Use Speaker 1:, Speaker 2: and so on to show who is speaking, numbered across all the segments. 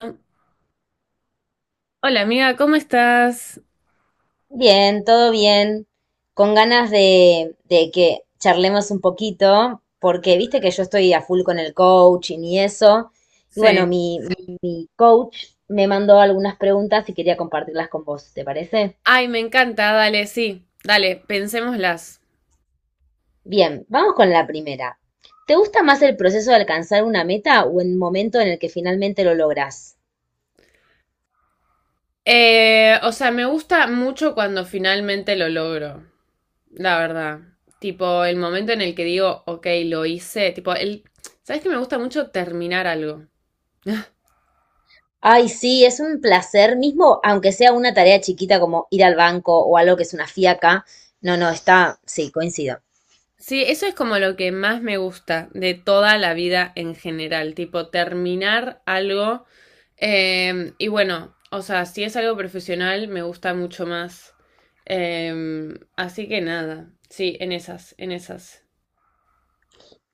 Speaker 1: Hola amiga, ¿cómo estás?
Speaker 2: Bien, todo bien. Con ganas de que charlemos un poquito, porque viste que yo estoy a full con el coaching y eso. Y bueno,
Speaker 1: Sí.
Speaker 2: mi coach me mandó algunas preguntas y quería compartirlas con vos, ¿te parece?
Speaker 1: Ay, me encanta, dale, sí, dale, pensémoslas.
Speaker 2: Bien, vamos con la primera. ¿Te gusta más el proceso de alcanzar una meta o el momento en el que finalmente lo lográs?
Speaker 1: O sea, me gusta mucho cuando finalmente lo logro, la verdad. Tipo, el momento en el que digo, ok, lo hice. ¿Sabes que me gusta mucho terminar algo?
Speaker 2: Ay, sí, es un placer, mismo aunque sea una tarea chiquita como ir al banco o algo que es una fiaca. No, no, está, sí, coincido.
Speaker 1: Sí, eso es como lo que más me gusta de toda la vida en general, tipo, terminar algo. Y bueno, o sea, si es algo profesional, me gusta mucho más. Así que nada, sí, en esas, en esas.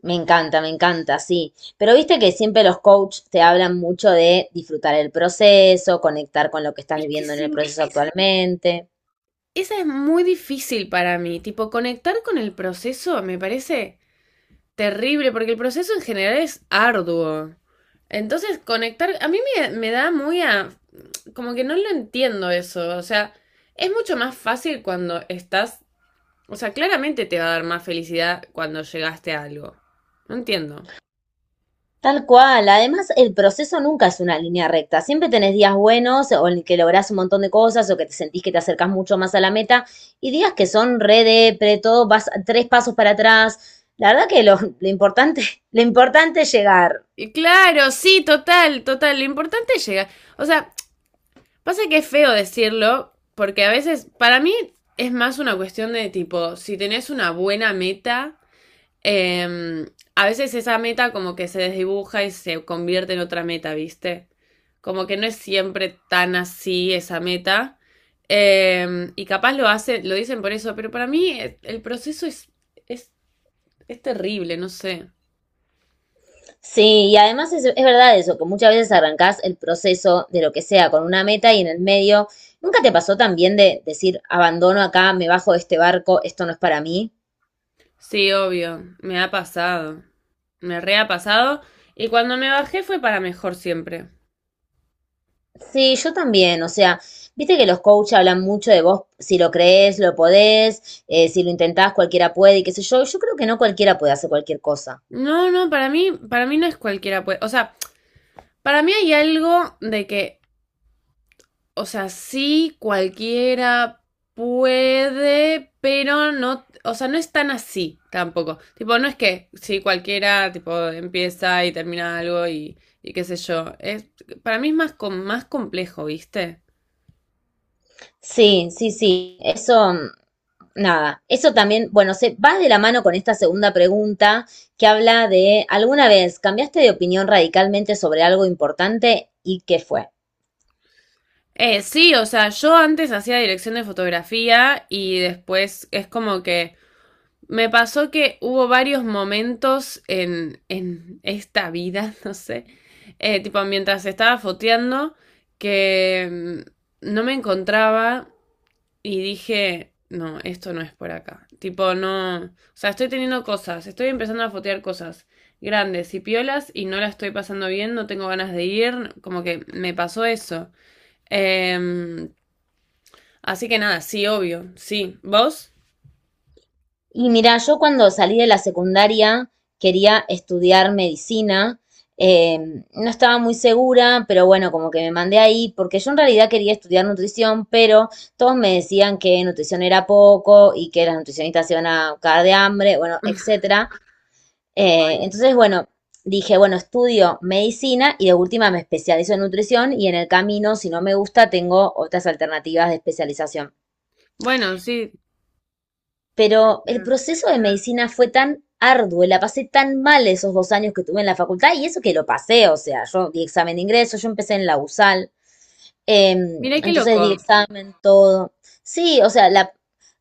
Speaker 2: Me encanta, sí. Pero viste que siempre los coaches te hablan mucho de disfrutar el proceso, conectar con lo que estás
Speaker 1: Es que
Speaker 2: viviendo en el
Speaker 1: sí,
Speaker 2: proceso actualmente.
Speaker 1: esa es muy difícil para mí. Tipo, conectar con el proceso me parece terrible, porque el proceso en general es arduo. Entonces, conectar, a mí me da muy. Como que no lo entiendo eso. O sea, es mucho más fácil cuando estás o sea, claramente te va a dar más felicidad cuando llegaste a algo. No entiendo.
Speaker 2: Tal cual. Además, el proceso nunca es una línea recta. Siempre tenés días buenos o en que lográs un montón de cosas o que te sentís que te acercás mucho más a la meta y días que son re depre, todo vas tres pasos para atrás. La verdad que lo importante, lo importante es llegar.
Speaker 1: Y claro, sí, total, total. Lo importante es llegar. O sea, pasa que es feo decirlo, porque a veces, para mí, es más una cuestión de tipo, si tenés una buena meta, eh, a veces esa meta como que se desdibuja y se convierte en otra meta, ¿viste? Como que no es siempre tan así esa meta. Y capaz lo hacen, lo dicen por eso, pero para mí el proceso es Es terrible, no sé.
Speaker 2: Sí, y además es verdad eso, que muchas veces arrancás el proceso de lo que sea con una meta y en el medio, ¿nunca te pasó también de decir, abandono acá, me bajo de este barco, esto no es para mí?
Speaker 1: Sí, obvio, me ha pasado. Me re ha pasado. Y cuando me bajé fue para mejor siempre.
Speaker 2: Sí, yo también, o sea, viste que los coaches hablan mucho de vos, si lo crees, lo podés, si lo intentás, cualquiera puede y qué sé yo, yo creo que no cualquiera puede hacer cualquier cosa.
Speaker 1: No, no, para mí no es cualquiera, pues. O sea, para mí hay algo de que, o sea, sí, cualquiera puede, pero no, o sea, no es tan así tampoco. Tipo, no es que sí, cualquiera, tipo, empieza y termina algo y qué sé yo. Para mí es más, más complejo, ¿viste?
Speaker 2: Sí, sí, sí, eso, nada, eso también, bueno, se va de la mano con esta segunda pregunta que habla de, ¿alguna vez cambiaste de opinión radicalmente sobre algo importante y qué fue?
Speaker 1: Sí, o sea, yo antes hacía dirección de fotografía y después es como que me pasó que hubo varios momentos en esta vida, no sé, tipo mientras estaba foteando que no me encontraba y dije, no, esto no es por acá. Tipo, no, o sea, estoy teniendo cosas, estoy empezando a fotear cosas grandes y piolas y no la estoy pasando bien, no tengo ganas de ir, como que me pasó eso. Em, Así que nada, sí, obvio, sí. ¿Vos?
Speaker 2: Y mira, yo cuando salí de la secundaria quería estudiar medicina. eh, no estaba muy segura, pero bueno, como que me mandé ahí, porque yo en realidad quería estudiar nutrición, pero todos me decían que nutrición era poco y que las nutricionistas se iban a cagar de hambre, bueno, etcétera. Entonces, bueno, dije, bueno, estudio medicina y de última me especializo en nutrición y en el camino, si no me gusta, tengo otras alternativas de especialización.
Speaker 1: Bueno, sí.
Speaker 2: Pero el proceso de medicina fue tan arduo, la pasé tan mal esos dos años que tuve en la facultad y eso que lo pasé, o sea, yo di examen de ingreso, yo empecé en la USAL.
Speaker 1: Mirá qué
Speaker 2: Entonces di
Speaker 1: loco.
Speaker 2: examen, todo. Sí, o sea,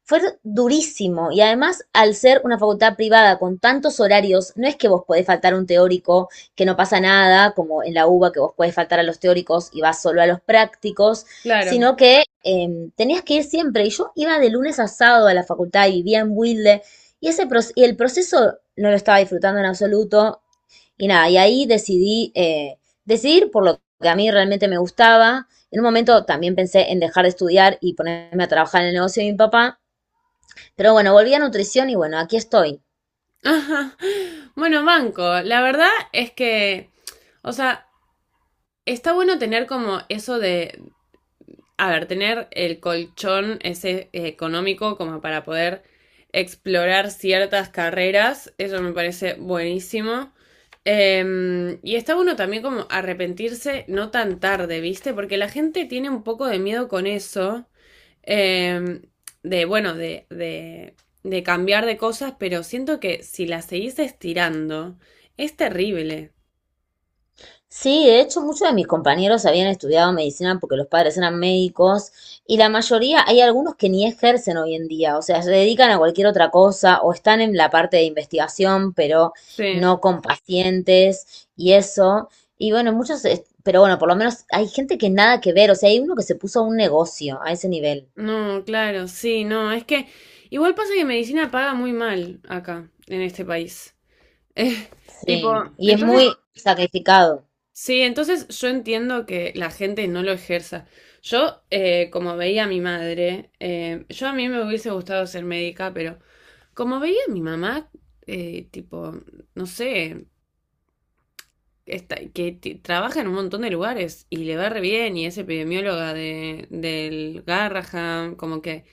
Speaker 2: fue durísimo. Y además, al ser una facultad privada con tantos horarios, no es que vos podés faltar un teórico, que no pasa nada, como en la UBA, que vos podés faltar a los teóricos y vas solo a los prácticos,
Speaker 1: Claro.
Speaker 2: sino que tenías que ir siempre. Y yo iba de lunes a sábado a la facultad y vivía en Wilde. Y el proceso no lo estaba disfrutando en absoluto. Y nada, y ahí decidí decidir por lo que a mí realmente me gustaba. En un momento también pensé en dejar de estudiar y ponerme a trabajar en el negocio de mi papá. Pero bueno, volví a nutrición y bueno, aquí estoy.
Speaker 1: Ajá. Bueno, banco, la verdad es que, o sea, está bueno tener como eso de, a ver, tener el colchón ese económico como para poder explorar ciertas carreras, eso me parece buenísimo. Y está bueno también como arrepentirse no tan tarde, ¿viste? Porque la gente tiene un poco de miedo con eso. eh, bueno, de cambiar de cosas, pero siento que si las seguís estirando, es terrible.
Speaker 2: Sí, de hecho muchos de mis compañeros habían estudiado medicina porque los padres eran médicos y la mayoría, hay algunos que ni ejercen hoy en día, o sea, se dedican a cualquier otra cosa o están en la parte de investigación, pero
Speaker 1: Sí,
Speaker 2: no con pacientes y eso. Y bueno, muchos, pero bueno, por lo menos hay gente que nada que ver, o sea, hay uno que se puso a un negocio a ese nivel.
Speaker 1: no, claro, sí, no, es que igual pasa que medicina paga muy mal acá, en este país. Eh, Tipo,
Speaker 2: Sí, y es
Speaker 1: entonces,
Speaker 2: muy sacrificado.
Speaker 1: sí, entonces yo entiendo que la gente no lo ejerza. Como veía a mi madre, yo a mí me hubiese gustado ser médica, pero como veía a mi mamá, tipo, no sé, trabaja en un montón de lugares y le va re bien y es epidemióloga del Garrahan, como que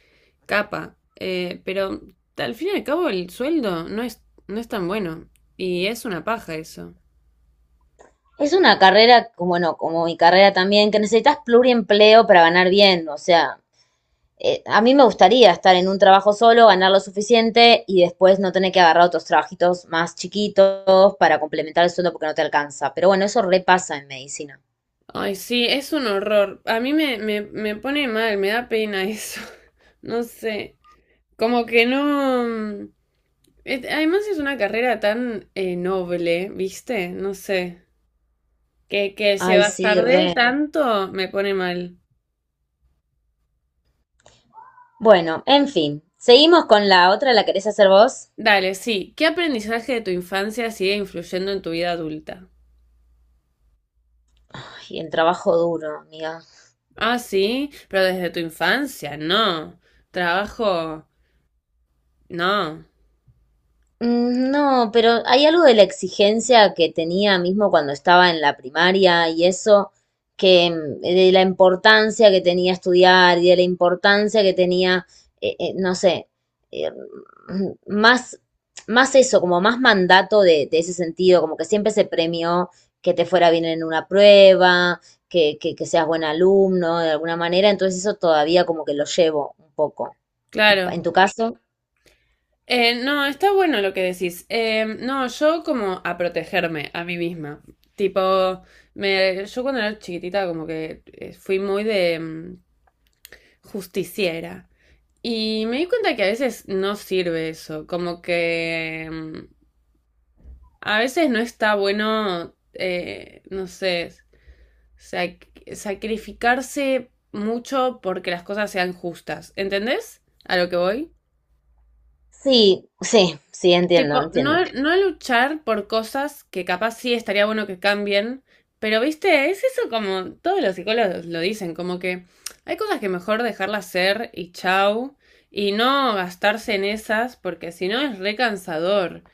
Speaker 1: capa. Pero al fin y al cabo el sueldo no es tan bueno y es una paja eso.
Speaker 2: Es una carrera, como- bueno, como mi carrera también, que necesitas pluriempleo para ganar bien, o sea, a mí me gustaría estar en un trabajo solo, ganar lo suficiente y después no tener que agarrar otros trabajitos más chiquitos para complementar el sueldo porque no te alcanza. Pero bueno, eso repasa en medicina.
Speaker 1: Ay, sí, es un horror. A mí me pone mal, me da pena eso. No sé. Como que... no... mm, es- Además es una carrera tan noble, ¿viste? No sé. Que se
Speaker 2: Ay, sí,
Speaker 1: bastardee
Speaker 2: re.
Speaker 1: tanto me pone mal.
Speaker 2: Bueno, en fin. Seguimos con la otra, ¿la querés hacer vos?
Speaker 1: Dale, sí. ¿Qué aprendizaje de tu infancia sigue influyendo en tu vida adulta?
Speaker 2: Ay, el trabajo duro, amiga.
Speaker 1: Ah, sí, pero desde tu infancia, no. Trabajo, no.
Speaker 2: Mm, no, pero hay algo de la exigencia que tenía mismo cuando estaba en la primaria y eso, que de la importancia que tenía estudiar y de la importancia que tenía, no sé, eh, mm, más, más eso, como más mandato de ese sentido, como que siempre se premió que te fuera bien en una prueba, que seas buen alumno de alguna manera, entonces eso todavía como que lo llevo un poco.
Speaker 1: Claro.
Speaker 2: ¿En tu caso?
Speaker 1: No, está bueno lo que decís. No, yo como a protegerme a mí misma. Tipo, yo cuando era chiquitita como que fui muy de justiciera. Y me di cuenta que a veces no sirve eso. A veces no está bueno, no sé, sacrificarse mucho porque las cosas sean justas. ¿Entendés a lo que voy?
Speaker 2: Sí, sí, sí, entiendo,
Speaker 1: Tipo,
Speaker 2: entiendo.
Speaker 1: no luchar por cosas que capaz sí estaría bueno que cambien, pero viste, es eso como todos los psicólogos lo dicen, como que hay cosas que mejor dejarlas ser y chau, y no gastarse en esas porque si no es re cansador.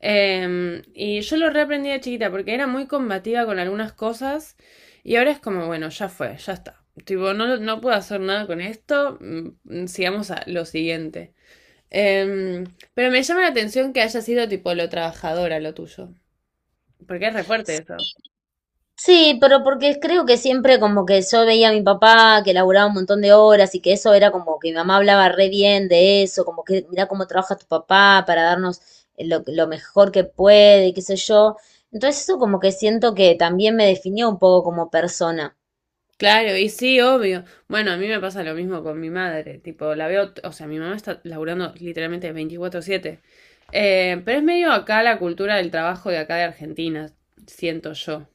Speaker 1: Y yo lo reaprendí de chiquita porque era muy combativa con algunas cosas y ahora es como, bueno, ya fue, ya está. Tipo, no, no puedo hacer nada con esto, sigamos a lo siguiente. Em, pero me llama la atención que haya sido tipo lo trabajadora lo tuyo, porque es re fuerte eso.
Speaker 2: Sí, pero porque creo que siempre como que yo veía a mi papá que laburaba un montón de horas y que eso era como que mi mamá hablaba re bien de eso, como que mira cómo trabaja tu papá para darnos lo mejor que puede, y qué sé yo. Entonces eso como que siento que también me definió un poco como persona.
Speaker 1: Claro, y sí, obvio. Bueno, a mí me pasa lo mismo con mi madre, tipo, la veo, o sea, mi mamá está laburando literalmente 24/7. Pero es medio acá la cultura del trabajo de acá de Argentina, siento yo.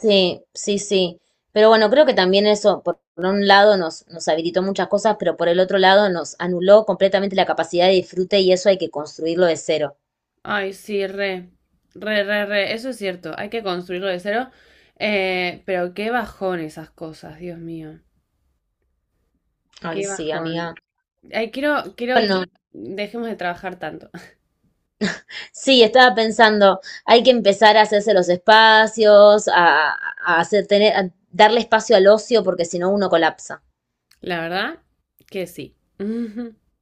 Speaker 2: Sí, sí, sí. Pero bueno, creo que también eso, por un lado, nos habilitó muchas cosas, pero por el otro lado nos anuló completamente la capacidad de disfrute y eso hay que construirlo de cero.
Speaker 1: Ay, sí, re, re, re, re, eso es cierto, hay que construirlo de cero, pero qué bajón esas cosas, Dios mío,
Speaker 2: Ay,
Speaker 1: qué
Speaker 2: sí, amiga.
Speaker 1: bajón. Ay, quiero que
Speaker 2: Bueno,
Speaker 1: dejemos de trabajar tanto,
Speaker 2: sí, estaba pensando, hay que empezar a hacerse los espacios, a hacer, tener, a darle espacio al ocio, porque si no uno colapsa.
Speaker 1: La verdad que sí.